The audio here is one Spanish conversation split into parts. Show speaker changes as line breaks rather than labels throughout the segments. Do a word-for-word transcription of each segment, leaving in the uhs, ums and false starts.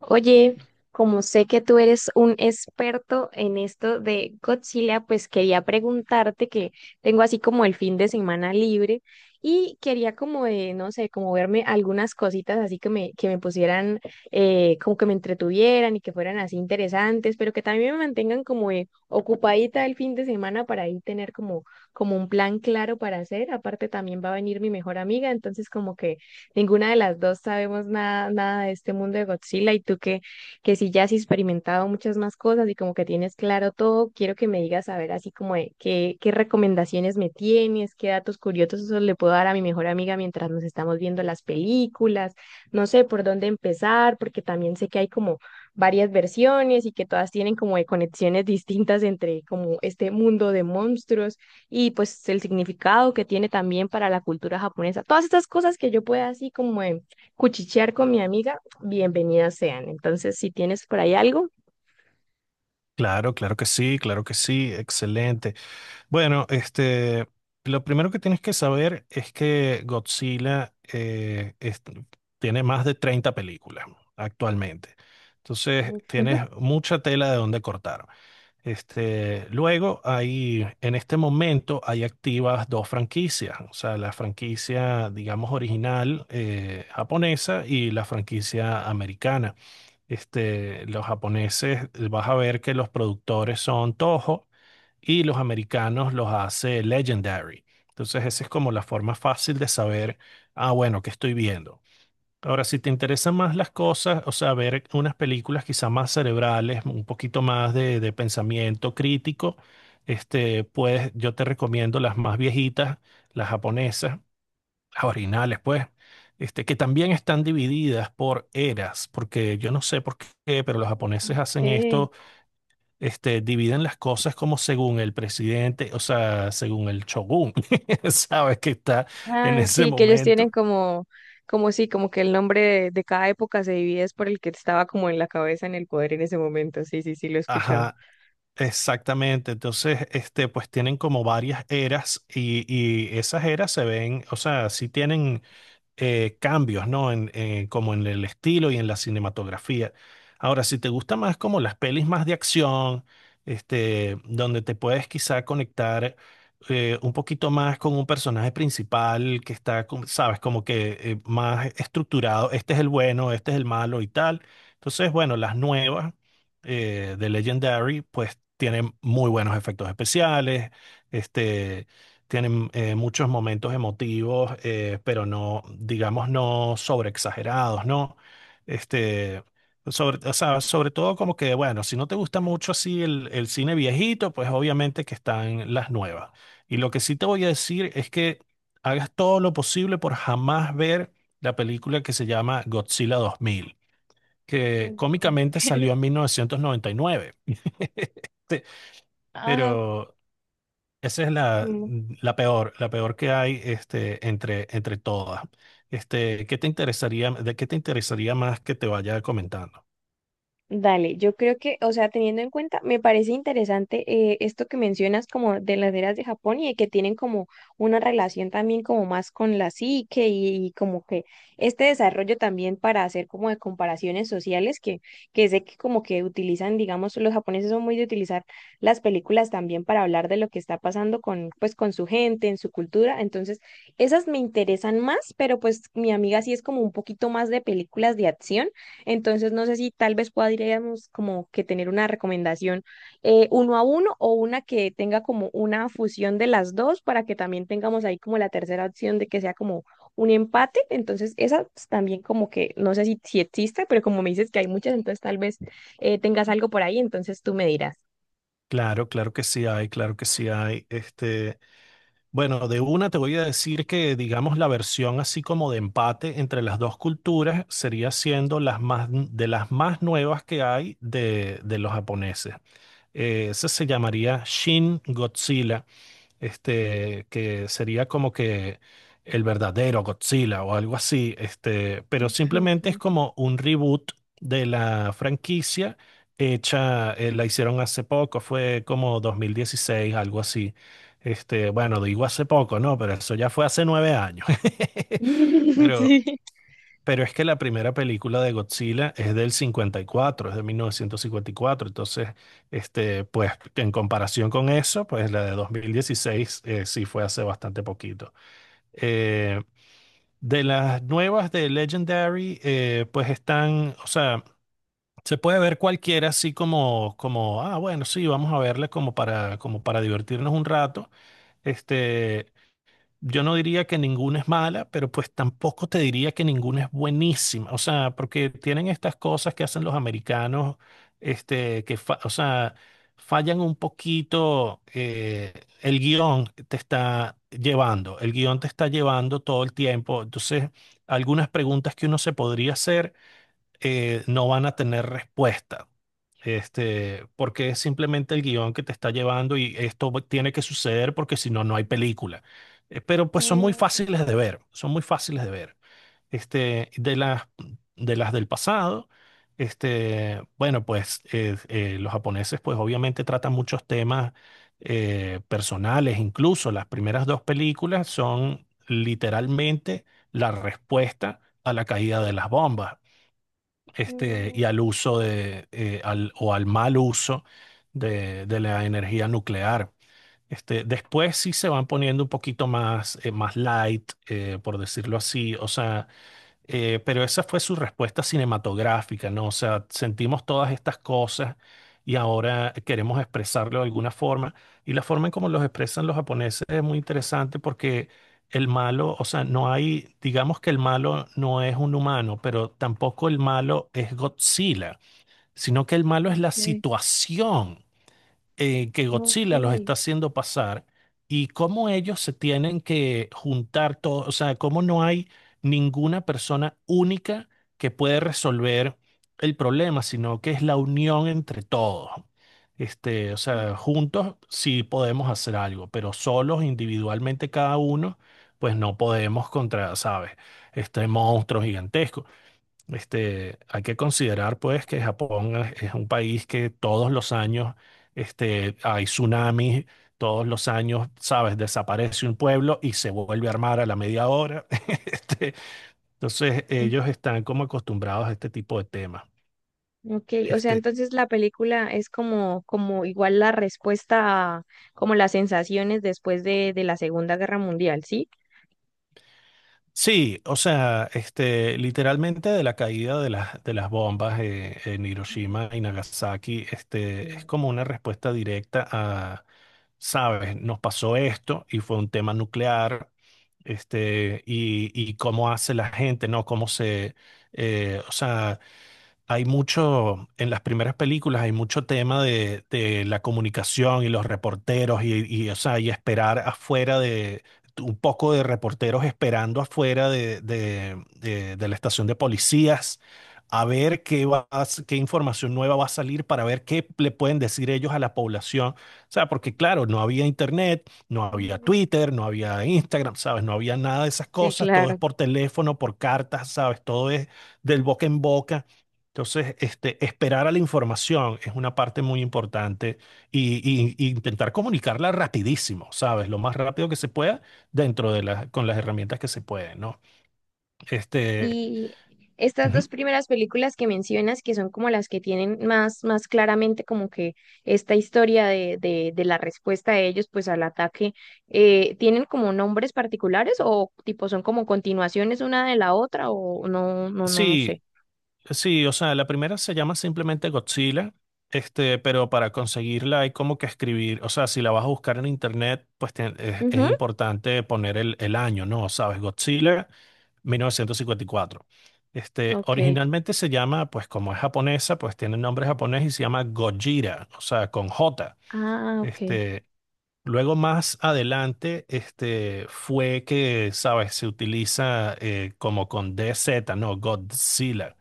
Oye, como sé que tú eres un experto en esto de Godzilla, pues quería preguntarte que tengo así como el fin de semana libre y quería como de, no sé, como verme algunas cositas así que me, que me pusieran, eh, como que me entretuvieran y que fueran así interesantes, pero que también me mantengan como eh, ocupadita el fin de semana para ahí tener como, como un plan claro para hacer. Aparte también va a venir mi mejor amiga, entonces como que ninguna de las dos sabemos nada, nada de este mundo de Godzilla y tú que, que sí ya has experimentado muchas más cosas y como que tienes claro todo, quiero que me digas a ver así como de qué, qué recomendaciones me tienes, qué datos curiosos esos le puedo dar a mi mejor amiga mientras nos estamos viendo las películas, no sé por dónde empezar, porque también sé que hay como varias versiones y que todas tienen como de conexiones distintas entre como este mundo de monstruos y pues el significado que tiene también para la cultura japonesa. Todas estas cosas que yo pueda así como eh, cuchichear con mi amiga, bienvenidas sean. Entonces, si tienes por ahí algo,
Claro, claro que sí, claro que sí, excelente. Bueno, este, lo primero que tienes que saber es que Godzilla eh, es- tiene más de treinta películas actualmente. Entonces, tienes mucha tela de donde cortar. Este, luego hay, en este momento hay activas dos franquicias, o sea, la franquicia, digamos, original eh, japonesa y la franquicia americana. Este, los japoneses, eh, vas a ver que los productores son Toho y los americanos los hace Legendary. Entonces, esa es como la forma fácil de saber, ah, bueno, ¿qué estoy viendo? Ahora, si te interesan más las cosas, o sea, ver unas películas quizá más cerebrales, un poquito más de, de pensamiento crítico, este, pues yo te recomiendo las más viejitas, las japonesas las originales, pues, este, que también están divididas por eras, porque yo no sé por qué, pero los japoneses hacen
okay.
esto, este, dividen las cosas como según el presidente, o sea, según el shogun, ¿sabes? Que está en
Ah,
ese
sí, que ellos tienen
momento.
como, como sí, como que el nombre de, de cada época se divide es por el que estaba como en la cabeza, en el poder en ese momento. Sí, sí, sí, lo he escuchado.
Ajá. Exactamente, entonces, este, pues tienen como varias eras y, y esas eras se ven, o sea, sí tienen eh, cambios, ¿no? En, eh, como en el estilo y en la cinematografía. Ahora, si te gusta más como las pelis más de acción, este, donde te puedes quizá conectar eh, un poquito más con un personaje principal que está, como- sabes, como que eh, más estructurado, este es el bueno, este es el malo y tal. Entonces, bueno, las nuevas eh, de Legendary, pues tienen muy buenos efectos especiales. Este, tienen eh, muchos momentos emotivos, eh, pero no, digamos, no sobreexagerados, ¿no? Este, sobre, o sea, sobre todo como que, bueno, si no te gusta mucho así el, el cine viejito, pues obviamente que están las nuevas. Y lo que sí te voy a decir es que hagas todo lo posible por jamás ver la película que se llama Godzilla dos mil, que
Ujú.
cómicamente salió en mil novecientos noventa y nueve. Este,
Ajá.
pero esa es la, la peor, la peor que hay este, entre, entre todas. Este, ¿qué te interesaría, de qué te interesaría más que te vaya comentando?
Dale, yo creo que, o sea, teniendo en cuenta, me parece interesante eh, esto que mencionas como de las eras de Japón y de que tienen como una relación también como más con la psique y, y como que este desarrollo también para hacer como de comparaciones sociales que, que sé que como que utilizan, digamos, los japoneses son muy de utilizar las películas también para hablar de lo que está pasando con, pues, con su gente, en su cultura. Entonces, esas me interesan más, pero pues mi amiga sí es como un poquito más de películas de acción. Entonces, no sé si tal vez podríamos como que tener una recomendación eh, uno a uno o una que tenga como una fusión de las dos para que también tengamos ahí como la tercera opción de que sea como un empate. Entonces, esa pues, también como que no sé si, si existe, pero como me dices que hay muchas, entonces tal vez eh, tengas algo por ahí, entonces tú me dirás.
Claro, claro que sí hay, claro que sí hay. Este, bueno, de una te voy a decir que, digamos, la versión así como de empate entre las dos culturas sería siendo las más, de las más nuevas que hay de, de los japoneses. Eh, esa se llamaría Shin Godzilla. este, que sería como que el verdadero Godzilla o algo así, este, pero simplemente es
Ok.
como un reboot de la franquicia hecha, eh, la hicieron hace poco, fue como dos mil dieciséis algo así. Este, bueno, digo hace poco, ¿no? Pero eso ya fue hace nueve años. Pero
Sí.
pero es que la primera película de Godzilla es del cincuenta y cuatro, es de mil novecientos cincuenta y cuatro. Entonces, este, pues en comparación con eso, pues la de dos mil dieciséis eh, sí fue hace bastante poquito. Eh, de las nuevas de Legendary, eh, pues están, o sea, se puede ver cualquiera así como, como, ah, bueno, sí, vamos a verla como para, como para divertirnos un rato. Este, yo no diría que ninguna es mala, pero pues tampoco te diría que ninguna es buenísima. O sea, porque tienen estas cosas que hacen los americanos, este, que, fa- o sea, fallan un poquito. Eh, el guión te está llevando, el guión te está llevando todo el tiempo. Entonces, algunas preguntas que uno se podría hacer eh, no van a tener respuesta. Este, porque es simplemente el guión que te está llevando y esto va- tiene que suceder porque si no, no hay película. Eh, pero pues son muy
Mm,
fáciles de ver, son muy fáciles de ver. Este, de las, de las del pasado, este, bueno, pues eh, eh, los japoneses pues obviamente tratan muchos temas eh, personales, incluso las primeras dos películas son literalmente la respuesta a la caída de las bombas este,
mm,
y al uso de, eh, al, o al mal uso de, de la energía nuclear. Este, después sí se van poniendo un poquito más, eh, más light, eh, por decirlo así. O sea, eh, pero esa fue su respuesta cinematográfica, ¿no? O sea, sentimos todas estas cosas y ahora queremos expresarlo de alguna forma. Y la forma en cómo los expresan los japoneses es muy interesante porque el malo, o sea, no hay, digamos que el malo no es un humano, pero tampoco el malo es Godzilla, sino que el malo es la situación eh, que
ok,
Godzilla los está haciendo pasar, y cómo ellos se tienen que juntar todos, o sea, cómo no hay ninguna persona única que puede resolver el problema, sino que es la unión entre todos. Este, o
ok.
sea, juntos sí podemos hacer algo, pero solos, individualmente cada uno, pues no podemos contra, ¿sabes? Este monstruo gigantesco. Este, hay que considerar pues que Japón es, es un país que todos los años este, hay tsunamis, todos los años, sabes, desaparece un pueblo y se vuelve a armar a la media hora. Este, entonces ellos están como acostumbrados a este tipo de temas.
Ok, o sea,
Este.
entonces la película es como, como igual la respuesta a como las sensaciones después de, de la Segunda Guerra Mundial, ¿sí?
Sí, o sea, este, literalmente de la caída de las, de las bombas eh, en
Sí.
Hiroshima y Nagasaki, este, es
Mm.
como una respuesta directa a, sabes, nos pasó esto y fue un tema nuclear, este, y, y cómo hace la gente, ¿no? Cómo se, eh, o sea, hay mucho, en las primeras películas hay mucho tema de, de la comunicación y los reporteros y, y, o sea, y esperar afuera de, un poco de reporteros esperando afuera de, de- de- de la estación de policías a ver qué va, a s- qué información nueva va a salir para ver qué le pueden decir ellos a la población. O sea, porque claro, no había internet, no había Twitter, no había Instagram, ¿sabes? No había nada de esas
Sí,
cosas, todo es
claro.
por teléfono, por cartas, ¿sabes? Todo es del boca en boca. Entonces, este, esperar a la información es una parte muy importante y, y- y intentar comunicarla rapidísimo, ¿sabes? Lo más rápido que se pueda dentro de las, con las herramientas que se pueden, ¿no? Este,
Y estas
ujú.
dos primeras películas que mencionas, que son como las que tienen más, más claramente como que esta historia de, de, de la respuesta de ellos pues al ataque, eh, ¿tienen como nombres particulares o tipo son como continuaciones una de la otra o no, no, no, no
Sí,
sé?
sí, o sea, la primera se llama simplemente Godzilla, este, pero para conseguirla hay como que escribir, o sea, si la vas a buscar en internet, pues te- es, es
Ujú.
importante poner el, el año, ¿no? ¿Sabes? Godzilla mil novecientos cincuenta y cuatro. Este,
Ok.
originalmente se llama, pues como es japonesa, pues tiene nombre japonés y se llama Gojira, o sea, con J.
Ah, ok.
Este, luego más adelante, este, fue que, sabes, se utiliza eh, como con D Z, no Godzilla,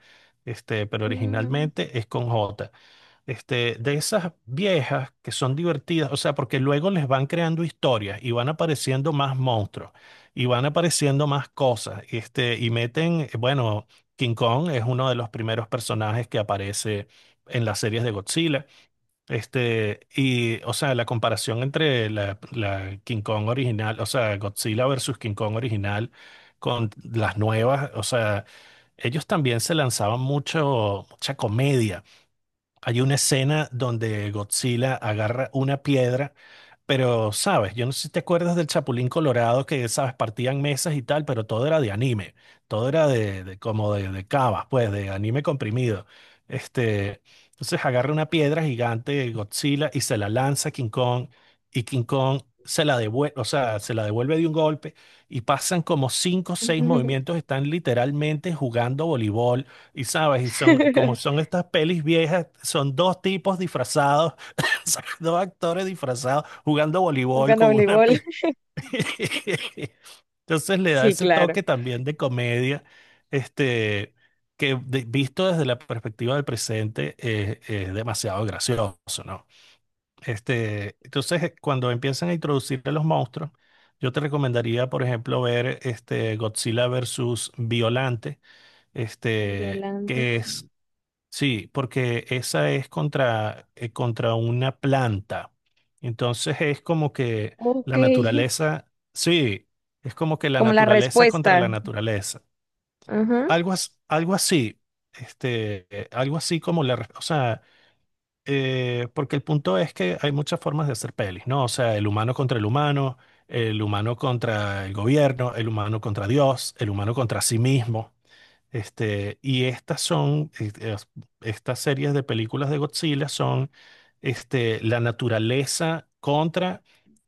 este, pero
Mm.
originalmente es con J. Este, de esas viejas que son divertidas, o sea, porque luego les van creando historias y van apareciendo más monstruos y van apareciendo más cosas, este, y meten, eh, bueno, King Kong es uno de los primeros personajes que aparece en las series de Godzilla. Este, y, o sea, la comparación entre la, la King Kong original, o sea, Godzilla versus King Kong original con las nuevas, o sea, ellos también se lanzaban mucho, mucha comedia. Hay una escena donde Godzilla agarra una piedra pero, sabes, yo no sé si te acuerdas del Chapulín Colorado que, sabes, partían mesas y tal, pero todo era de anime, todo era de, de- como de, de cavas, pues, de anime comprimido. Este, entonces agarra una piedra gigante, Godzilla, y se la lanza a King Kong, y King Kong se la devuelve, o sea, se la devuelve de un golpe, y pasan como cinco o seis movimientos, están literalmente jugando voleibol, y sabes, y son, como son estas pelis viejas, son dos tipos disfrazados dos actores disfrazados jugando voleibol
Jugando a
con una...
voleibol.
pe- Entonces le da
Sí,
ese
claro.
toque también de comedia, este, que de- visto desde la perspectiva del presente eh, es demasiado gracioso, ¿no? Este, entonces, eh, cuando empiezan a introducir a los monstruos, yo te recomendaría, por ejemplo, ver este Godzilla versus Violante, este,
Violante.
que es sí, porque esa es contra, eh, contra una planta. Entonces es como que
Ok.
la naturaleza, sí, es como que la
Como la
naturaleza contra
respuesta.
la naturaleza.
Ajá.
Algo, as- algo así, este, eh, algo así como la, re- o sea, eh, porque el punto es que hay muchas formas de hacer pelis, ¿no? O sea, el humano contra el humano, el humano contra el gobierno, el humano contra Dios, el humano contra sí mismo. Este, y estas son, eh, eh, estas series de películas de Godzilla son este, la naturaleza contra,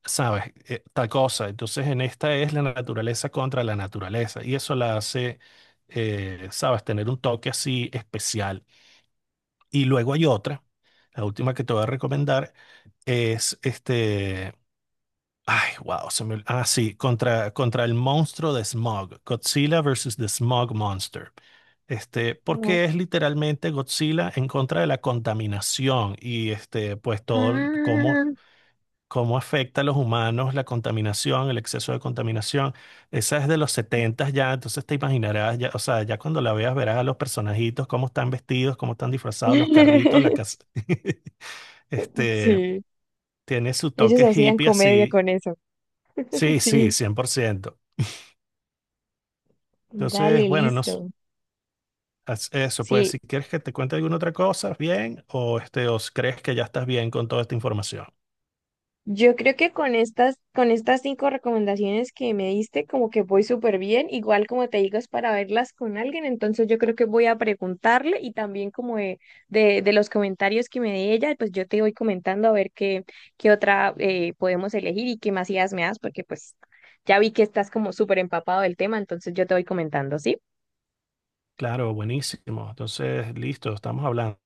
¿sabes? Eh, tal cosa. Entonces, en esta es la naturaleza contra la naturaleza. Y eso la hace, eh, ¿sabes? Tener un toque así especial. Y luego hay otra, la última que te voy a recomendar, es este. Ay, wow, se me- ah, sí, contra, contra el monstruo de Smog, Godzilla versus the Smog Monster. Este,
No.
porque es literalmente Godzilla en contra de la contaminación y este, pues todo el- cómo,
Ah.
cómo afecta a los humanos la contaminación, el exceso de contaminación. Esa es de los setenta ya, entonces te imaginarás, ya, o sea, ya cuando la veas verás a los personajitos, cómo están vestidos, cómo están disfrazados, los carritos, la casa. Este,
Sí.
tiene su
Ellos
toque
hacían
hippie
comedia
así.
con eso.
Sí, sí,
Sí.
cien por ciento. Entonces,
Dale,
bueno, no
listo.
s- as- eso, pues
Sí,
si quieres que te cuente alguna otra cosa, bien, o este, o si crees que ya estás bien con toda esta información.
yo creo que con estas, con estas cinco recomendaciones que me diste, como que voy súper bien. Igual como te digo, es para verlas con alguien. Entonces yo creo que voy a preguntarle y también como de, de, de los comentarios que me dé ella, pues yo te voy comentando a ver qué, qué otra eh, podemos elegir y qué más ideas me das, porque pues ya vi que estás como súper empapado del tema, entonces yo te voy comentando, ¿sí?
Claro, buenísimo. Entonces, listo, estamos hablando.